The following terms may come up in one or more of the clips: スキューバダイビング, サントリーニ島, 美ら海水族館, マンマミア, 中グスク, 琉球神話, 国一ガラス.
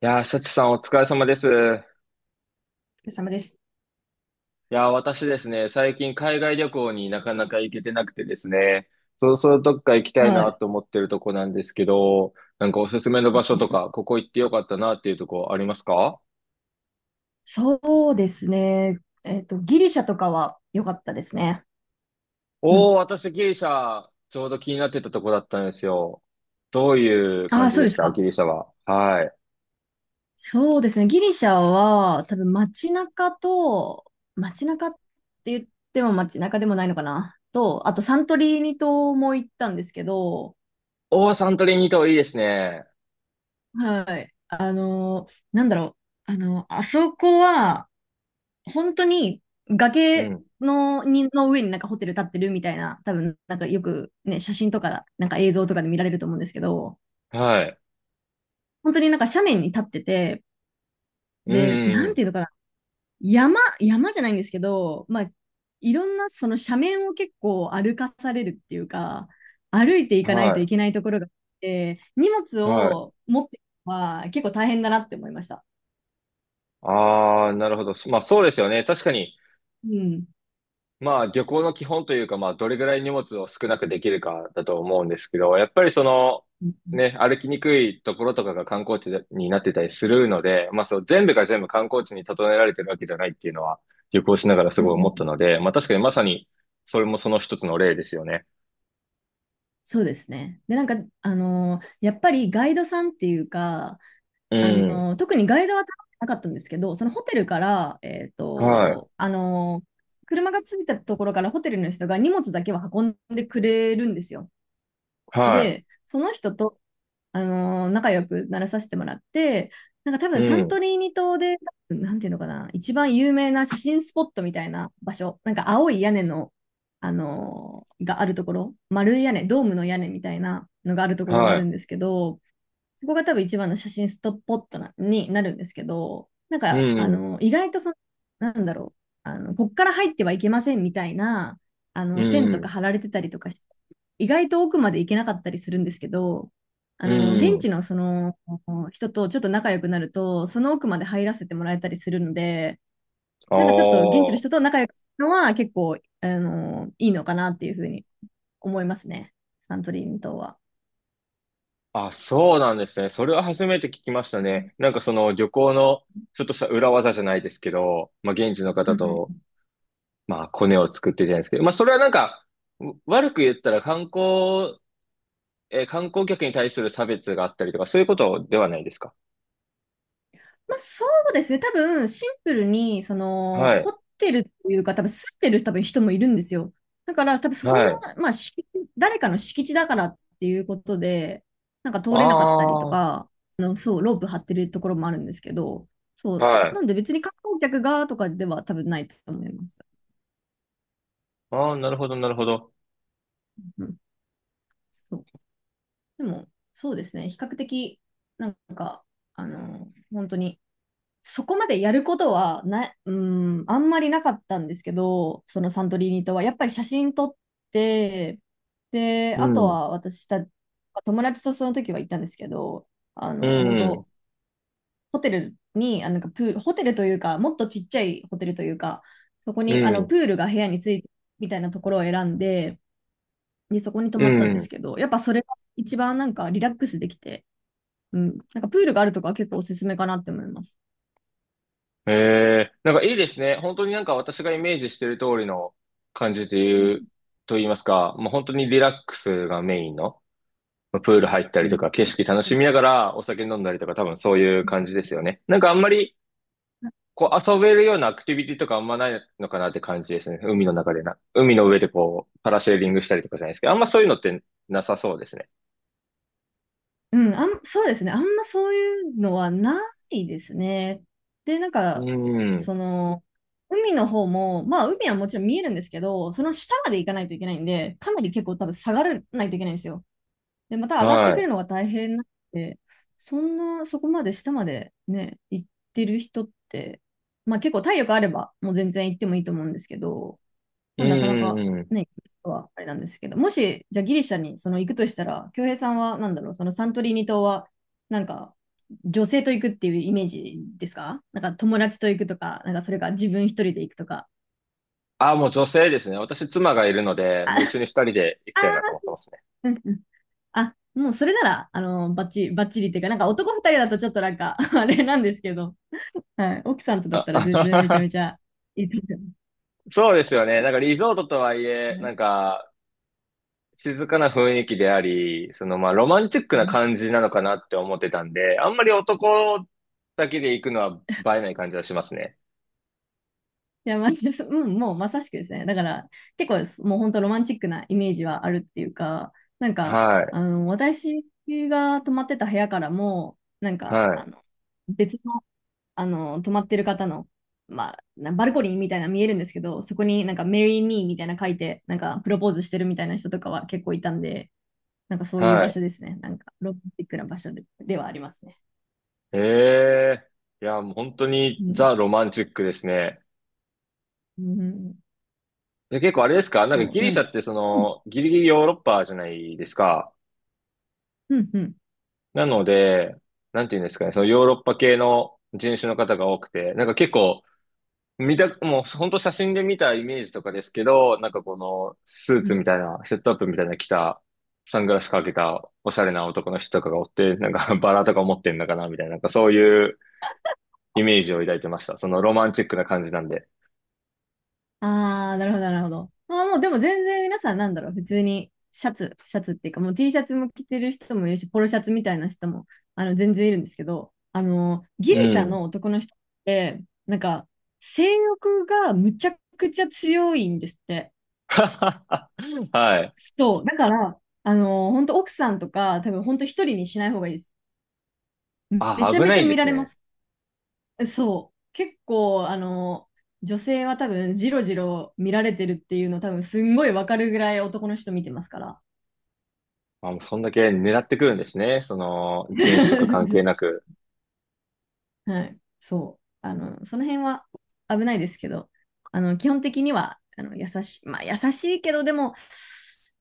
幸さんお疲れ様です。お疲れ様です。私ですね、最近海外旅行になかなか行けてなくてですね、そろそろどっか行きたいはない。と思ってるとこなんですけど、なんかおすすめの場所とか、ここ行ってよかったなっていうとこありますか？そうですね。ギリシャとかは良かったですね。うん。おー、私ギリシャ、ちょうど気になってたとこだったんですよ。どういうあ感あ、じそうででしすたか。ギリシャは。はい。そうですね。ギリシャは、多分街中と、街中って言っても街中でもないのかな。と、あとサントリーニ島も行ったんですけど、おー、サントリーニ島いいですね。はい。なんだろう。あそこは、本当にう崖ん。のにの上になんかホテル建ってるみたいな、多分なんかよくね、写真とか、なんか映像とかで見られると思うんですけど、はい。本当になんか斜面に立ってて、うん、で、うんなうんてん。いうのかな、山じゃないんですけど、まあ、いろんなその斜面を結構歩かされるっていうか、歩いていかないといはけないところがあって、荷物い。はい。を持っていくのは結構大変だなって思いました。ああ、なるほど。まあそうですよね。確かに、うん。まあ旅行の基本というか、まあどれぐらい荷物を少なくできるかだと思うんですけど、やっぱりその、うんうね、歩きにくいところとかが観光地でになってたりするので、まあそう、全部が全部観光地に整えられてるわけじゃないっていうのは旅行しながらすんごういんう思ったん。ので、まあ確かにまさにそれもその一つの例ですよね。そうですね。で、なんか、やっぱりガイドさんっていうか、うあのん。特にガイドは頼んでなかったんですけど、そのホテルから、はい。車が着いたところからホテルの人が荷物だけは運んでくれるんですよ。はで、その人と仲良くならさせてもらって、なんか多い。う分サントん。リーニ島で、なんていうのかな、一番有名な写真スポットみたいな場所、なんか青い屋根の、があるところ、丸い屋根、ドームの屋根みたいなのがあるところがあはるい。んですけど、そこが多分一番の写真ストッポットなになるんですけど、なんうか、ん。意外とその、なんだろう、こっから入ってはいけませんみたいな、う線とかん。貼られてたりとかし、意外と奥まで行けなかったりするんですけど、うん。現うん。地のその人とちょっと仲良くなると、その奥まで入らせてもらえたりするので、あなんかちょっと現地の人あ。と仲良くするのは結構、いいのかなっていうふうに思いますね、サントリーニ島は。あ、そうなんですね。それは初めて聞きましたね。なんかその旅行のちょっとした裏技じゃないですけど、まあ現地の方うんうと、ん。まあコネを作ってじゃないですけど、まあそれはなんか、う悪く言ったら観光、観光客に対する差別があったりとか、そういうことではないですか？まあ、そうですね。多分、シンプルに、その、はい。掘ってるというか、多分、吸ってる多分人もいるんですよ。だから、多分そこはの、い。まあ、敷地、誰かの敷地だからっていうことで、なんかあ通れなかったりあ、とはか、そう、ロープ張ってるところもあるんですけど、そう。なんい。で別に観光客がとかでは多分ないと思います。ああ、なるほど、なるほど。うん。そう。でも、そうですね。比較的、なんか、本当に、そこまでやることはな、うん、あんまりなかったんですけど、そのサントリーニとは。やっぱり写真撮って、で、うあとん。は友達とその時は行ったんですけど、う本ん。当ホテルに、なんかプール、ホテルというか、もっとちっちゃいホテルというか、そこうに、ん。プールが部屋についてるみたいなところを選んで、で、そこに泊うまったんですん。けど、やっぱそれが一番なんかリラックスできて、うん、なんかプールがあるとかは結構おすすめかなって思います。ええなんかいいですね。本当になんか私がイメージしてる通りの感じとういん、う、と言いますか、もう本当にリラックスがメインの、まあプール入ったうりとん、か、う景ん。色楽しみながらお酒飲んだりとか、多分そういう感じですよね。なんかあんまり、こう遊べるようなアクティビティとかあんまないのかなって感じですね。海の中でな。海の上でこう、パラシェーリングしたりとかじゃないですけど、あんまそういうのってなさそうですね。うん、そうですね。あんまそういうのはないですね。で、なんうか、ん。その、海の方も、まあ、海はもちろん見えるんですけど、その下まで行かないといけないんで、かなり結構多分下がらないといけないんですよ。で、また上がってくはるのが大変なんで、そんな、そこまで下までね、行ってる人って、まあ結構体力あれば、もう全然行ってもいいと思うんですけど、い。まうあ、なかなんうかんうん。ね、はあれなんですけど、もし、じゃあギリシャにその行くとしたら、恭平さんはなんだろう、そのサントリーニ島は、なんか、女性と行くっていうイメージですか？なんか友達と行くとか、なんかそれか自分一人で行くとか。あ、もう女性ですね。私妻がいるの で、あ、もう一緒に二人で行きたいなとあ思ってます。ー、うんうん。あ、もうそれなら、バッチリ、バッチリっていうか、なんか男二人だとちょっとなんか あれなんですけど、はい、奥さんとだったら全然めちゃあ、めちゃいいと思い そうですよね。なんかリゾートとはいえ、まなんす。か静かな雰囲気であり、そのまあロマンチックうなん。感じなのかなって思ってたんで、あんまり男だけで行くのは映えない感じはしますね。いや、まあ、ううん、もうまさしくですね。だから、結構もう本当ロマンチックなイメージはあるっていうか、なんか、はい、私が泊まってた部屋からも、なんはか、い、別の、泊まってる方の、まあ、なバルコニーみたいなの見えるんですけど、そこになんか、メリー・ミーみたいなの書いて、なんか、プロポーズしてるみたいな人とかは結構いたんで、なんかそういうは場所い。ですね。なんか、ロマンチックな場所で、ではありますね。ええいや、もう本当うにん。ザ・ロマンチックですね。うん、で、結構あれですかなんかそギう。なリんシャで、ってそうん、の、ギリギリヨーロッパじゃないですか。うん、うん。なので、なんていうんですかね、そのヨーロッパ系の人種の方が多くて、なんか結構見た、もう本当写真で見たイメージとかですけど、なんかこのスーうツん。みたいな、セットアップみたいな着た、サングラスかけたおしゃれな男の人とかがおって、なんか バラとか持ってんのかなみたいな、なんかそういうイメージを抱いてました。そのロマンチックな感じなんで。ああ、なるほど、なるほど。まあもう、でも全然皆さんなんだろう、普通にシャツ、シャツっていうか、もう T シャツも着てる人もいるし、ポロシャツみたいな人も、全然いるんですけど、ギうリシャん。の男の人って、なんか、性欲がむちゃくちゃ強いんですって。はい。そう。だから、本当奥さんとか、多分本当一人にしない方がいいです。めあ、ちゃ危めなちゃいんで見らすれまね。す。そう。結構、女性は多分、ジロジロ見られてるっていうの、多分、すんごいわかるぐらい男の人見てますから。あ、もうそんだけ狙ってくるんですね。その人種とか関係 なく。はい。そう。その辺は危ないですけど、基本的には、優しい、まあ、優しいけど、でも、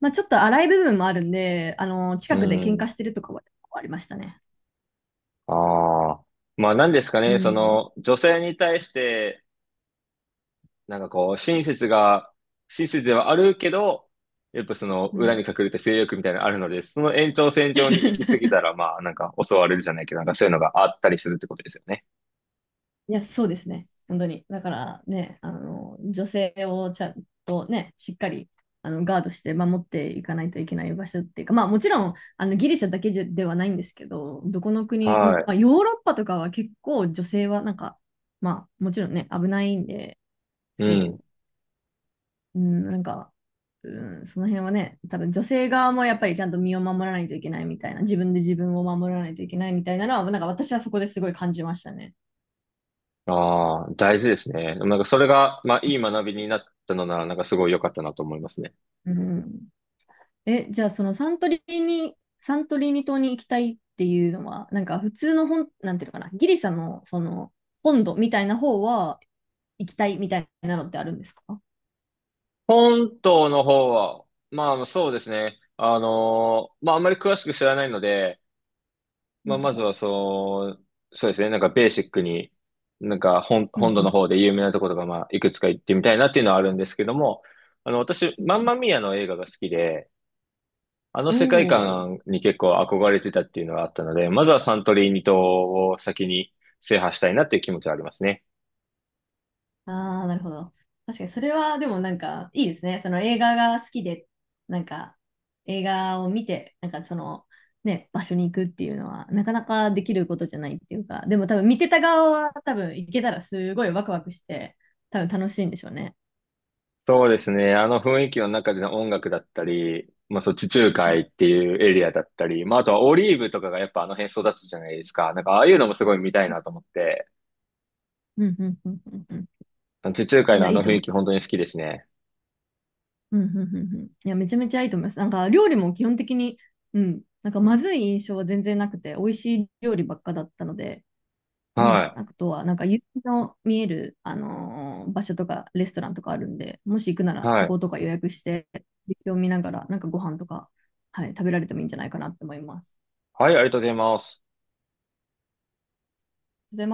まあ、ちょっと荒い部分もあるんで、う近くで喧嘩ん。してるとかはありましたね。ああ。まあ何ですかうね、そん。の女性に対して、なんかこう、親切が、親切ではあるけど、やっぱそのう裏ん。に隠れた性欲みたいなのあるので、その延長線上に行き過ぎ たら、まあなんか襲われるじゃないけど、なんかそういうのがあったりするってことですよね。いや、そうですね。本当に。だからね、女性をちゃんとね、しっかりガードして守っていかないといけない場所っていうか、まあもちろんあのギリシャだけじゃではないんですけど、どこの国、うんはまあ、ヨーロッパとかは結構女性はなんか、まあもちろんね、危ないんで、い。うそん。う、うん、なんか、うん、その辺はね、多分女性側もやっぱりちゃんと身を守らないといけないみたいな、自分で自分を守らないといけないみたいなのは、なんか私はそこですごい感じましたね。ああ、大事ですね。でもなんかそれが、まあいい学びになったのなら、なんかすごい良かったなと思いますね。うん。え、じゃあそのサントリーニ島に行きたいっていうのは、なんか普通の本、なんていうのかな、ギリシャのその本土みたいな方は行きたいみたいなのってあるんですか？本島の方は、まあそうですね。まああんまり詳しく知らないので、うまあ、まずんは、そう、そうですね。なんかベーシックに、なんかう本ん土のう方で有名なところが、まあ、いくつか行ってみたいなっていうのはあるんですけども、あの、私、マンマん。ミアの映画が好きで、あのお世界おー。観に結構憧れてたっていうのがあったので、まずはサントリーニ島を先に制覇したいなっていう気持ちはありますね。ああ、なるほど。確かに、それはでもなんか、いいですね。その映画が好きで、なんか、映画を見て、なんかその、ね、場所に行くっていうのは、なかなかできることじゃないっていうか、でも多分見てた側は多分行けたらすごいワクワクして、多分楽しいんでしょうね。そうですね。あの雰囲気の中での音楽だったり、まあそう、地中う海ん、っていうエリアだったり、まああとはオリーブとかがやっぱあの辺育つじゃないですか。なんかああいうのもすごい見たいなと思って。うん、うん、うん、うんうあの地中海ん。いのや、あいのいと雰思囲う。気本当に好きですね。うん、うん、うん、うん。いや、めちゃめちゃいいと思います。なんか、料理も基本的に、うん、なんかまずい印象は全然なくて、美味しい料理ばっかだったので、うん、はあい。とは、なんか夕日の見える、場所とかレストランとかあるんで、もし行くならはそい。ことか予約して、夕日を見ながら、なんかご飯とか、はい、食べられてもいいんじゃないかなって思います。はい、ありがとうございます。で